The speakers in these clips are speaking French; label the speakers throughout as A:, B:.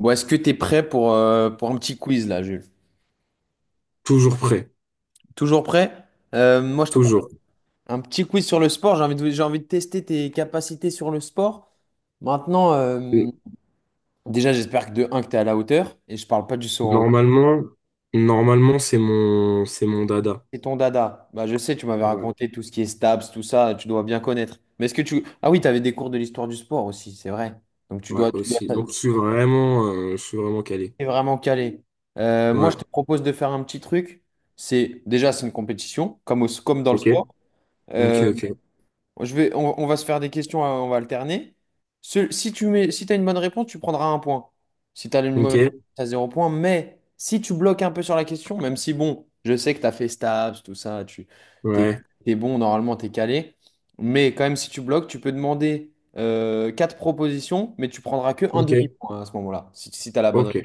A: Bon, est-ce que t'es prêt pour un petit quiz là, Jules?
B: Toujours prêt,
A: Toujours prêt? Moi, je te prends.
B: toujours.
A: Un petit quiz sur le sport. J'ai envie de tester tes capacités sur le sport. Maintenant,
B: N-
A: déjà, j'espère que de un que t'es à la hauteur. Et je parle pas du saut en hauteur.
B: Normalement, normalement c'est mon dada.
A: C'est ton dada. Bah, je sais, tu m'avais
B: Ouais,
A: raconté tout ce qui est stabs, tout ça. Tu dois bien connaître. Mais est-ce que tu. Ah oui, t'avais des cours de l'histoire du sport aussi, c'est vrai. Donc,
B: ouais aussi. Donc
A: tu
B: je suis vraiment calé.
A: es vraiment calé. Moi,
B: Ouais.
A: je te propose de faire un petit truc. C'est déjà, c'est une compétition, comme, comme dans le
B: Ok.
A: sport.
B: Ok,
A: Euh,
B: ok,
A: On va se faire des questions, on va alterner. Si tu mets, si t'as une bonne réponse, tu prendras un point. Si tu as une mauvaise
B: ok.
A: réponse, tu as zéro point. Mais si tu bloques un peu sur la question, même si bon, je sais que tu as fait Stabs, tout ça, t'es,
B: Ouais.
A: t'es bon, normalement, tu es calé. Mais quand même, si tu bloques, tu peux demander quatre propositions, mais tu prendras que un
B: Ok,
A: demi-point à ce moment-là, si tu as la bonne
B: ok,
A: réponse.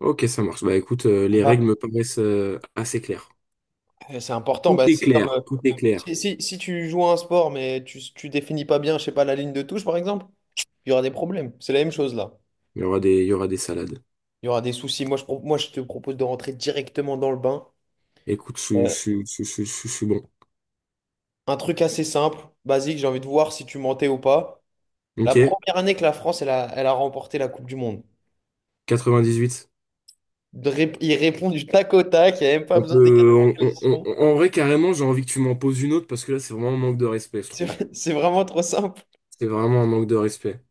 B: ok, ça marche. Bah écoute, les règles
A: Ah,
B: me paraissent assez claires.
A: c'est important,
B: Tout
A: bah,
B: est
A: c'est comme
B: clair, tout est clair.
A: si tu joues à un sport mais tu définis pas bien, je sais pas, la ligne de touche par exemple, il y aura des problèmes. C'est la même chose là.
B: Il y aura des salades.
A: Il y aura des soucis. Moi, je te propose de rentrer directement dans le bain.
B: Écoute,
A: Euh,
B: je suis bon.
A: un truc assez simple, basique, j'ai envie de voir si tu mentais ou pas. La
B: Ok.
A: première année que la France, elle a remporté la Coupe du Monde.
B: 98.
A: Il répond du tac au tac, il n'y a même pas
B: On
A: besoin des quatre
B: peut,
A: propositions.
B: on- En vrai, carrément, j'ai envie que tu m'en poses une autre parce que là, c'est vraiment un manque de respect, je trouve.
A: C'est c'est vraiment trop simple.
B: C'est vraiment un manque de respect.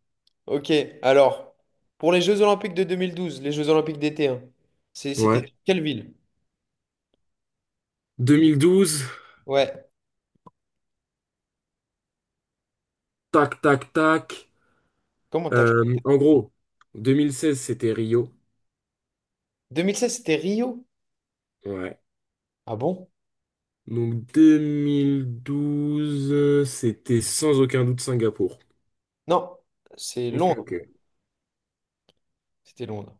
A: Ok, alors, pour les Jeux Olympiques de 2012, les Jeux Olympiques d'été, hein, c'était
B: Ouais.
A: quelle ville?
B: 2012,
A: Ouais,
B: tac, tac, tac.
A: comment tac?
B: En gros, 2016, c'était Rio.
A: 2016, c'était Rio?
B: Ouais.
A: Ah bon?
B: Donc 2012, c'était sans aucun doute Singapour.
A: Non, c'est
B: Ok, ok.
A: Londres. C'était Londres.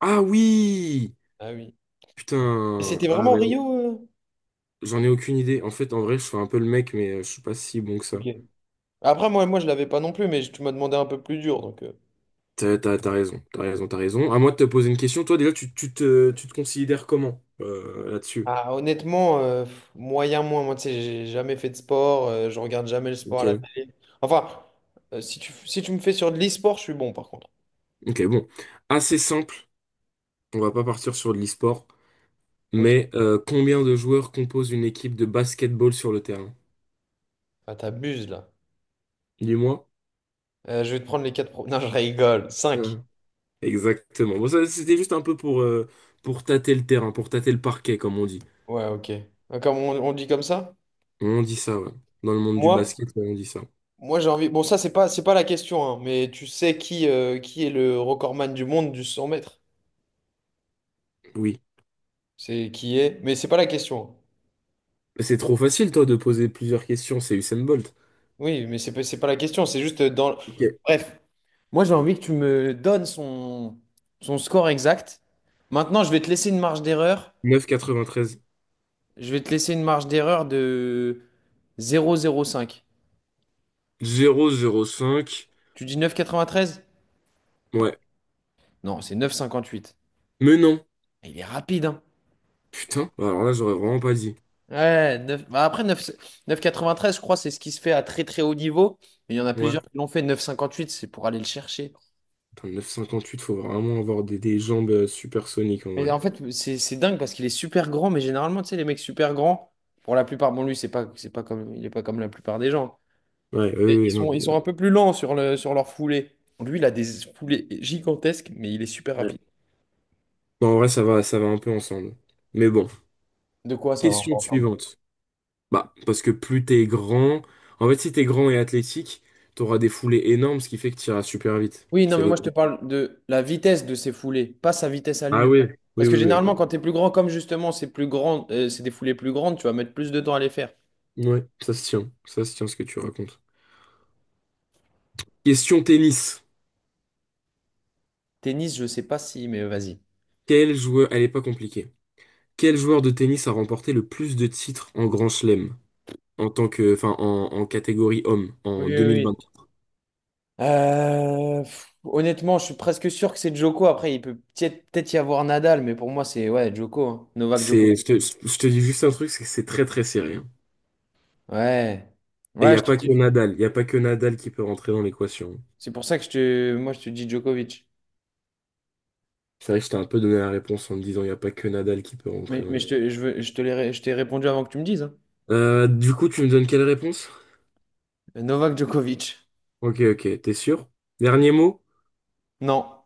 B: Ah oui!
A: Ah oui. Et
B: Putain.
A: c'était
B: Ah,
A: vraiment
B: mais
A: Rio? euh
B: j'en ai aucune idée. En fait, en vrai, je fais un peu le mec, mais je suis pas si bon que
A: Ok.
B: ça.
A: Après, moi je l'avais pas non plus, mais tu m'as demandé un peu plus dur. Donc.
B: T'as raison, t'as raison, t'as raison. À moi de te poser une question. Toi, déjà, tu te considères comment là-dessus?
A: Ah, honnêtement, pff, moyen moins. Moi, tu sais, j'ai jamais fait de sport, je regarde jamais le sport à
B: Ok.
A: la télé. Enfin, si tu me fais sur de l'e-sport, je suis bon par contre.
B: Ok, bon. Assez simple. On va pas partir sur de l'e-sport,
A: Ok.
B: mais combien de joueurs composent une équipe de basketball sur le terrain?
A: Ah, t'abuses là.
B: Dis-moi.
A: Je vais te prendre les quatre Non, je rigole. 5.
B: Euh, Exactement. Bon, ça, c'était juste un peu pour tâter le terrain, pour tâter le parquet, comme on dit.
A: Ouais, ok. Ah, comme on dit comme ça?
B: On dit ça, ouais. Dans le monde du
A: Moi,
B: basket, ouais, on dit ça.
A: moi j'ai envie. Bon, ça, c'est pas la question, hein, mais tu sais qui est le recordman du monde du 100 mètres?
B: Oui.
A: C'est qui est. Mais c'est pas la question. Hein.
B: Mais c'est trop facile, toi, de poser plusieurs questions. C'est Usain Bolt.
A: Oui, mais c'est pas la question, c'est juste dans.
B: Ok.
A: Bref, moi j'ai envie que tu me donnes son score exact. Maintenant, je vais te laisser une marge d'erreur.
B: 9,93
A: Je vais te laisser une marge d'erreur de 0,05.
B: 0,05.
A: Tu dis 9,93?
B: Ouais.
A: Non, c'est 9,58.
B: Mais non.
A: Il est rapide, hein.
B: Putain. Bah, alors là, j'aurais vraiment pas dit.
A: Ouais, 9, bah après vingt treize je crois, c'est ce qui se fait à très très haut niveau. Mais il y en a plusieurs
B: Ouais.
A: qui l'ont fait. 9,58. C'est pour aller le chercher.
B: Putain, 9,58, faut vraiment avoir des jambes supersoniques, en
A: Mais
B: vrai.
A: en fait, c'est dingue parce qu'il est super grand, mais généralement, tu sais, les mecs super grands, pour la plupart, bon, lui, c'est pas comme, il est pas comme la plupart des gens.
B: Ouais,
A: Et
B: oui, oui, non.
A: ils sont un peu plus lents sur sur leur foulée. Lui, il a des foulées gigantesques, mais il est super rapide.
B: Ouais. Non, en vrai, ça va un peu ensemble. Mais bon,
A: De quoi ça, on va
B: question
A: entendre?
B: suivante. Bah, parce que plus t'es grand, en fait, si t'es grand et athlétique, t'auras des foulées énormes, ce qui fait que t'iras super vite.
A: Oui, non,
B: C'est
A: mais moi, je te
B: logique.
A: parle de la vitesse de ses foulées, pas sa vitesse à
B: Ah
A: lui.
B: oui, oui,
A: Parce que
B: oui, oui, ok.
A: généralement, quand t'es plus grand, comme justement, c'est plus grand, c'est des foulées plus grandes, tu vas mettre plus de temps à les faire.
B: Ouais, ça se tient ce que tu racontes. Question tennis.
A: Tennis, je sais pas si, mais vas-y.
B: Quel joueur, elle est pas compliquée. Quel joueur de tennis a remporté le plus de titres en Grand Chelem en tant que, enfin, en, en catégorie homme
A: Oui,
B: en
A: oui,
B: 2020?
A: oui. Pff, honnêtement, je suis presque sûr que c'est Djoko. Après, il peut peut-être y avoir Nadal, mais pour moi, c'est ouais, Djoko, hein. Novak Djoko.
B: Je te dis juste un truc, c'est que c'est très très serré, hein.
A: Ouais.
B: Et il
A: Ouais,
B: n'y
A: je
B: a
A: te
B: pas que
A: dis.
B: Nadal, il n'y a pas que Nadal qui peut rentrer dans l'équation.
A: C'est pour ça que moi, je te dis Djokovic.
B: C'est vrai que je t'ai un peu donné la réponse en me disant il n'y a pas que Nadal qui peut rentrer
A: Mais,
B: dans
A: mais je
B: l'équation.
A: te, je veux- je te l'ai ré- je t'ai répondu avant que tu me dises. Hein.
B: Du coup, tu me donnes quelle réponse?
A: Novak Djokovic.
B: Ok, ok, t'es sûr? Dernier mot?
A: Non.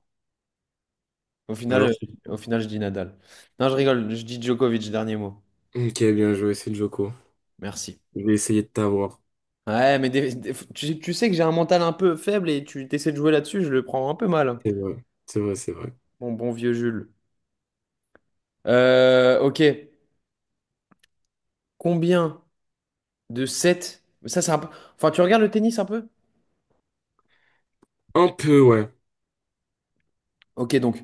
A: Au final,
B: Alors,
A: euh, au final, je dis Nadal. Non, je rigole. Je dis Djokovic, dernier mot.
B: ok, bien joué, c'est Joko.
A: Merci.
B: Je vais essayer de t'avoir.
A: Ouais, mais tu sais que j'ai un mental un peu faible et tu essaies de jouer là-dessus, je le prends un peu mal.
B: C'est vrai, c'est vrai, c'est vrai.
A: Bon, bon vieux Jules. Ok. Combien de sets? Ça, c'est un peu. Enfin, tu regardes le tennis un peu?
B: Un peu, ouais.
A: Ok, donc,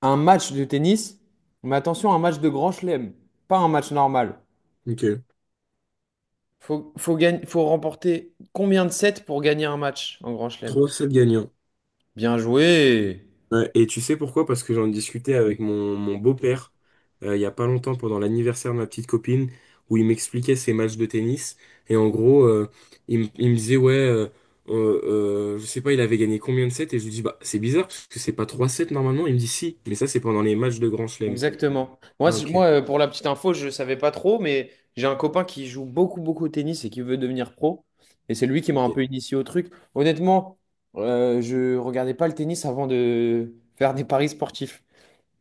A: un match de tennis, mais attention, un match de grand chelem, pas un match normal.
B: Ok.
A: Faut remporter combien de sets pour gagner un match en grand chelem?
B: Trois 7 gagnants.
A: Bien joué!
B: Ouais, et tu sais pourquoi? Parce que j'en discutais avec mon beau-père il y a pas longtemps pendant l'anniversaire de ma petite copine où il m'expliquait ses matchs de tennis et en gros il me disait ouais euh, je sais pas il avait gagné combien de sets et je lui dis bah c'est bizarre parce que c'est pas 3 sets normalement il me dit si mais ça c'est pendant les matchs de Grand Chelem.
A: Exactement. Moi,
B: Ah ok
A: pour la petite info, je savais pas trop, mais j'ai un copain qui joue beaucoup, beaucoup au tennis et qui veut devenir pro. Et c'est lui qui m'a un
B: ok
A: peu initié au truc. Honnêtement, je regardais pas le tennis avant de faire des paris sportifs.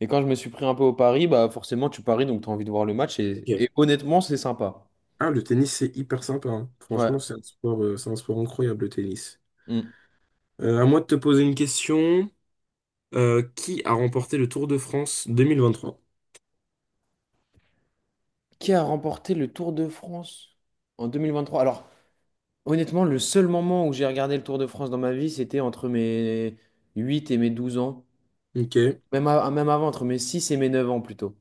A: Et quand je me suis pris un peu au pari, bah forcément tu paries, donc tu as envie de voir le match.
B: ok.
A: Et honnêtement, c'est sympa.
B: Ah le tennis c'est hyper sympa hein. Franchement
A: Ouais.
B: c'est un sport incroyable le tennis.
A: Mm.
B: À moi de te poser une question. Qui a remporté le Tour de France 2023?
A: Qui a remporté le Tour de France en 2023? Alors, honnêtement, le seul moment où j'ai regardé le Tour de France dans ma vie, c'était entre mes 8 et mes 12 ans.
B: Ok.
A: Même, même avant, entre mes 6 et mes 9 ans plutôt.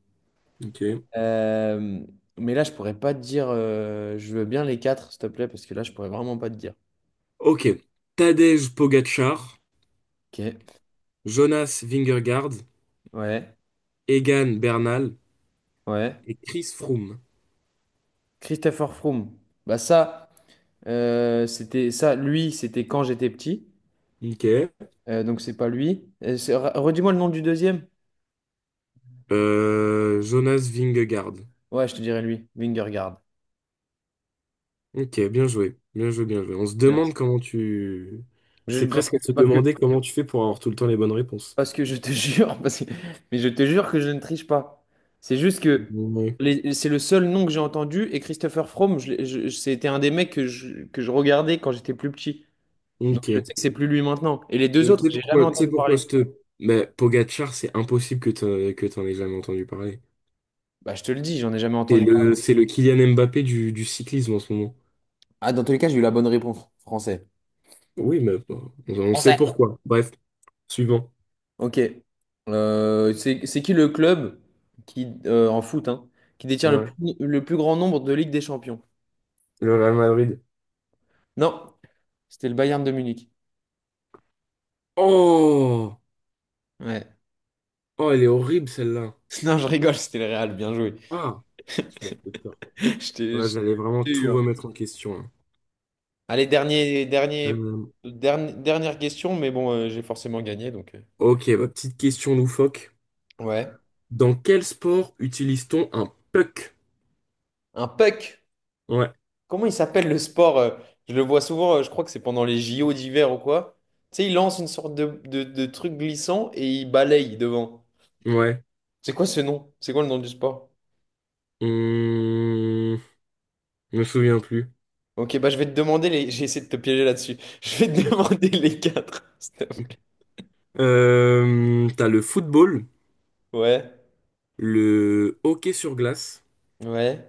B: Ok.
A: Euh, mais là, je pourrais pas te dire, je veux bien les quatre, s'il te plaît, parce que là, je pourrais vraiment pas te dire.
B: Ok. Tadej Pogacar,
A: Ok.
B: Jonas Vingegaard,
A: Ouais.
B: Egan Bernal
A: Ouais.
B: et Chris Froome.
A: Christopher Froome. Bah ça, c'était ça, lui, c'était quand j'étais petit.
B: Ok.
A: Donc c'est pas lui. Redis-moi le nom du deuxième.
B: Jonas Vingegaard.
A: Ouais, je te dirai lui. Vingegaard.
B: Ok, bien joué, bien joué, bien joué. On se
A: Merci.
B: demande comment tu...
A: Je-
B: C'est
A: parce
B: presque
A: que,
B: à se
A: parce que,
B: demander comment tu fais pour avoir tout le temps les bonnes réponses.
A: parce que je te jure, mais je te jure que je ne triche pas. C'est juste que
B: Ouais.
A: c'est le seul nom que j'ai entendu et Christopher Froome, c'était un des mecs que je regardais quand j'étais plus petit. Donc
B: Ok.
A: je
B: Et
A: sais que c'est plus lui maintenant. Et les deux
B: tu
A: autres,
B: sais
A: j'ai jamais
B: pourquoi, tu sais
A: entendu
B: pourquoi
A: parler.
B: je te... Mais Pogacar, c'est impossible que t'en aies jamais entendu parler.
A: Bah je te le dis, j'en ai jamais
B: C'est
A: entendu parler.
B: le, c'est le Kylian Mbappé du cyclisme en ce moment.
A: Ah, dans tous les cas, j'ai eu la bonne réponse. Français.
B: Oui, mais bon, on sait
A: Français.
B: pourquoi. Bref. Suivant.
A: Ok. C'est qui le club qui, en foot, hein, qui détient
B: Ouais.
A: le plus grand nombre de Ligue des Champions?
B: Le Real Madrid.
A: Non, c'était le Bayern de Munich.
B: Oh!
A: Ouais.
B: Oh, elle est horrible celle-là.
A: Non, je rigole, c'était le Real, bien joué.
B: Ah! Je me fais peur. Là,
A: Je
B: vous allez vraiment
A: t'ai eu.
B: tout
A: Hein.
B: remettre en question, hein.
A: Allez,
B: Euh,
A: dernière question, mais bon, j'ai forcément gagné, donc.
B: ok, bah, petite question loufoque.
A: Ouais.
B: Dans quel sport utilise-t-on un puck?
A: Un puck.
B: Ouais,
A: Comment il s'appelle le sport? Je le vois souvent, je crois que c'est pendant les JO d'hiver ou quoi. Tu sais, il lance une sorte de truc glissant et il balaye devant.
B: ouais.
A: C'est quoi ce nom? C'est quoi le nom du sport?
B: Hum, je me souviens plus.
A: Ok, bah je vais te demander les. J'ai essayé de te piéger là-dessus. Je vais te demander les quatre.
B: T'as le football,
A: Ouais,
B: le hockey sur glace,
A: ouais,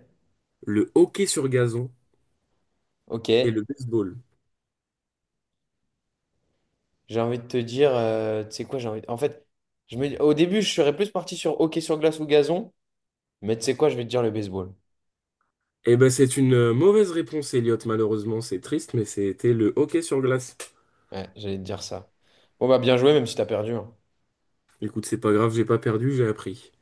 B: le hockey sur gazon
A: ok.
B: et le baseball.
A: J'ai envie de te dire, tu sais quoi, j'ai envie. En fait, au début, je serais plus parti sur hockey sur glace ou gazon, mais tu sais quoi, je vais te dire le baseball.
B: Eh ben, c'est une mauvaise réponse, Elliot. Malheureusement, c'est triste, mais c'était le hockey sur glace.
A: Ouais, j'allais te dire ça. Bon, bah bien joué, même si t'as perdu. Hein.
B: Écoute, c'est pas grave, j'ai pas perdu, j'ai appris.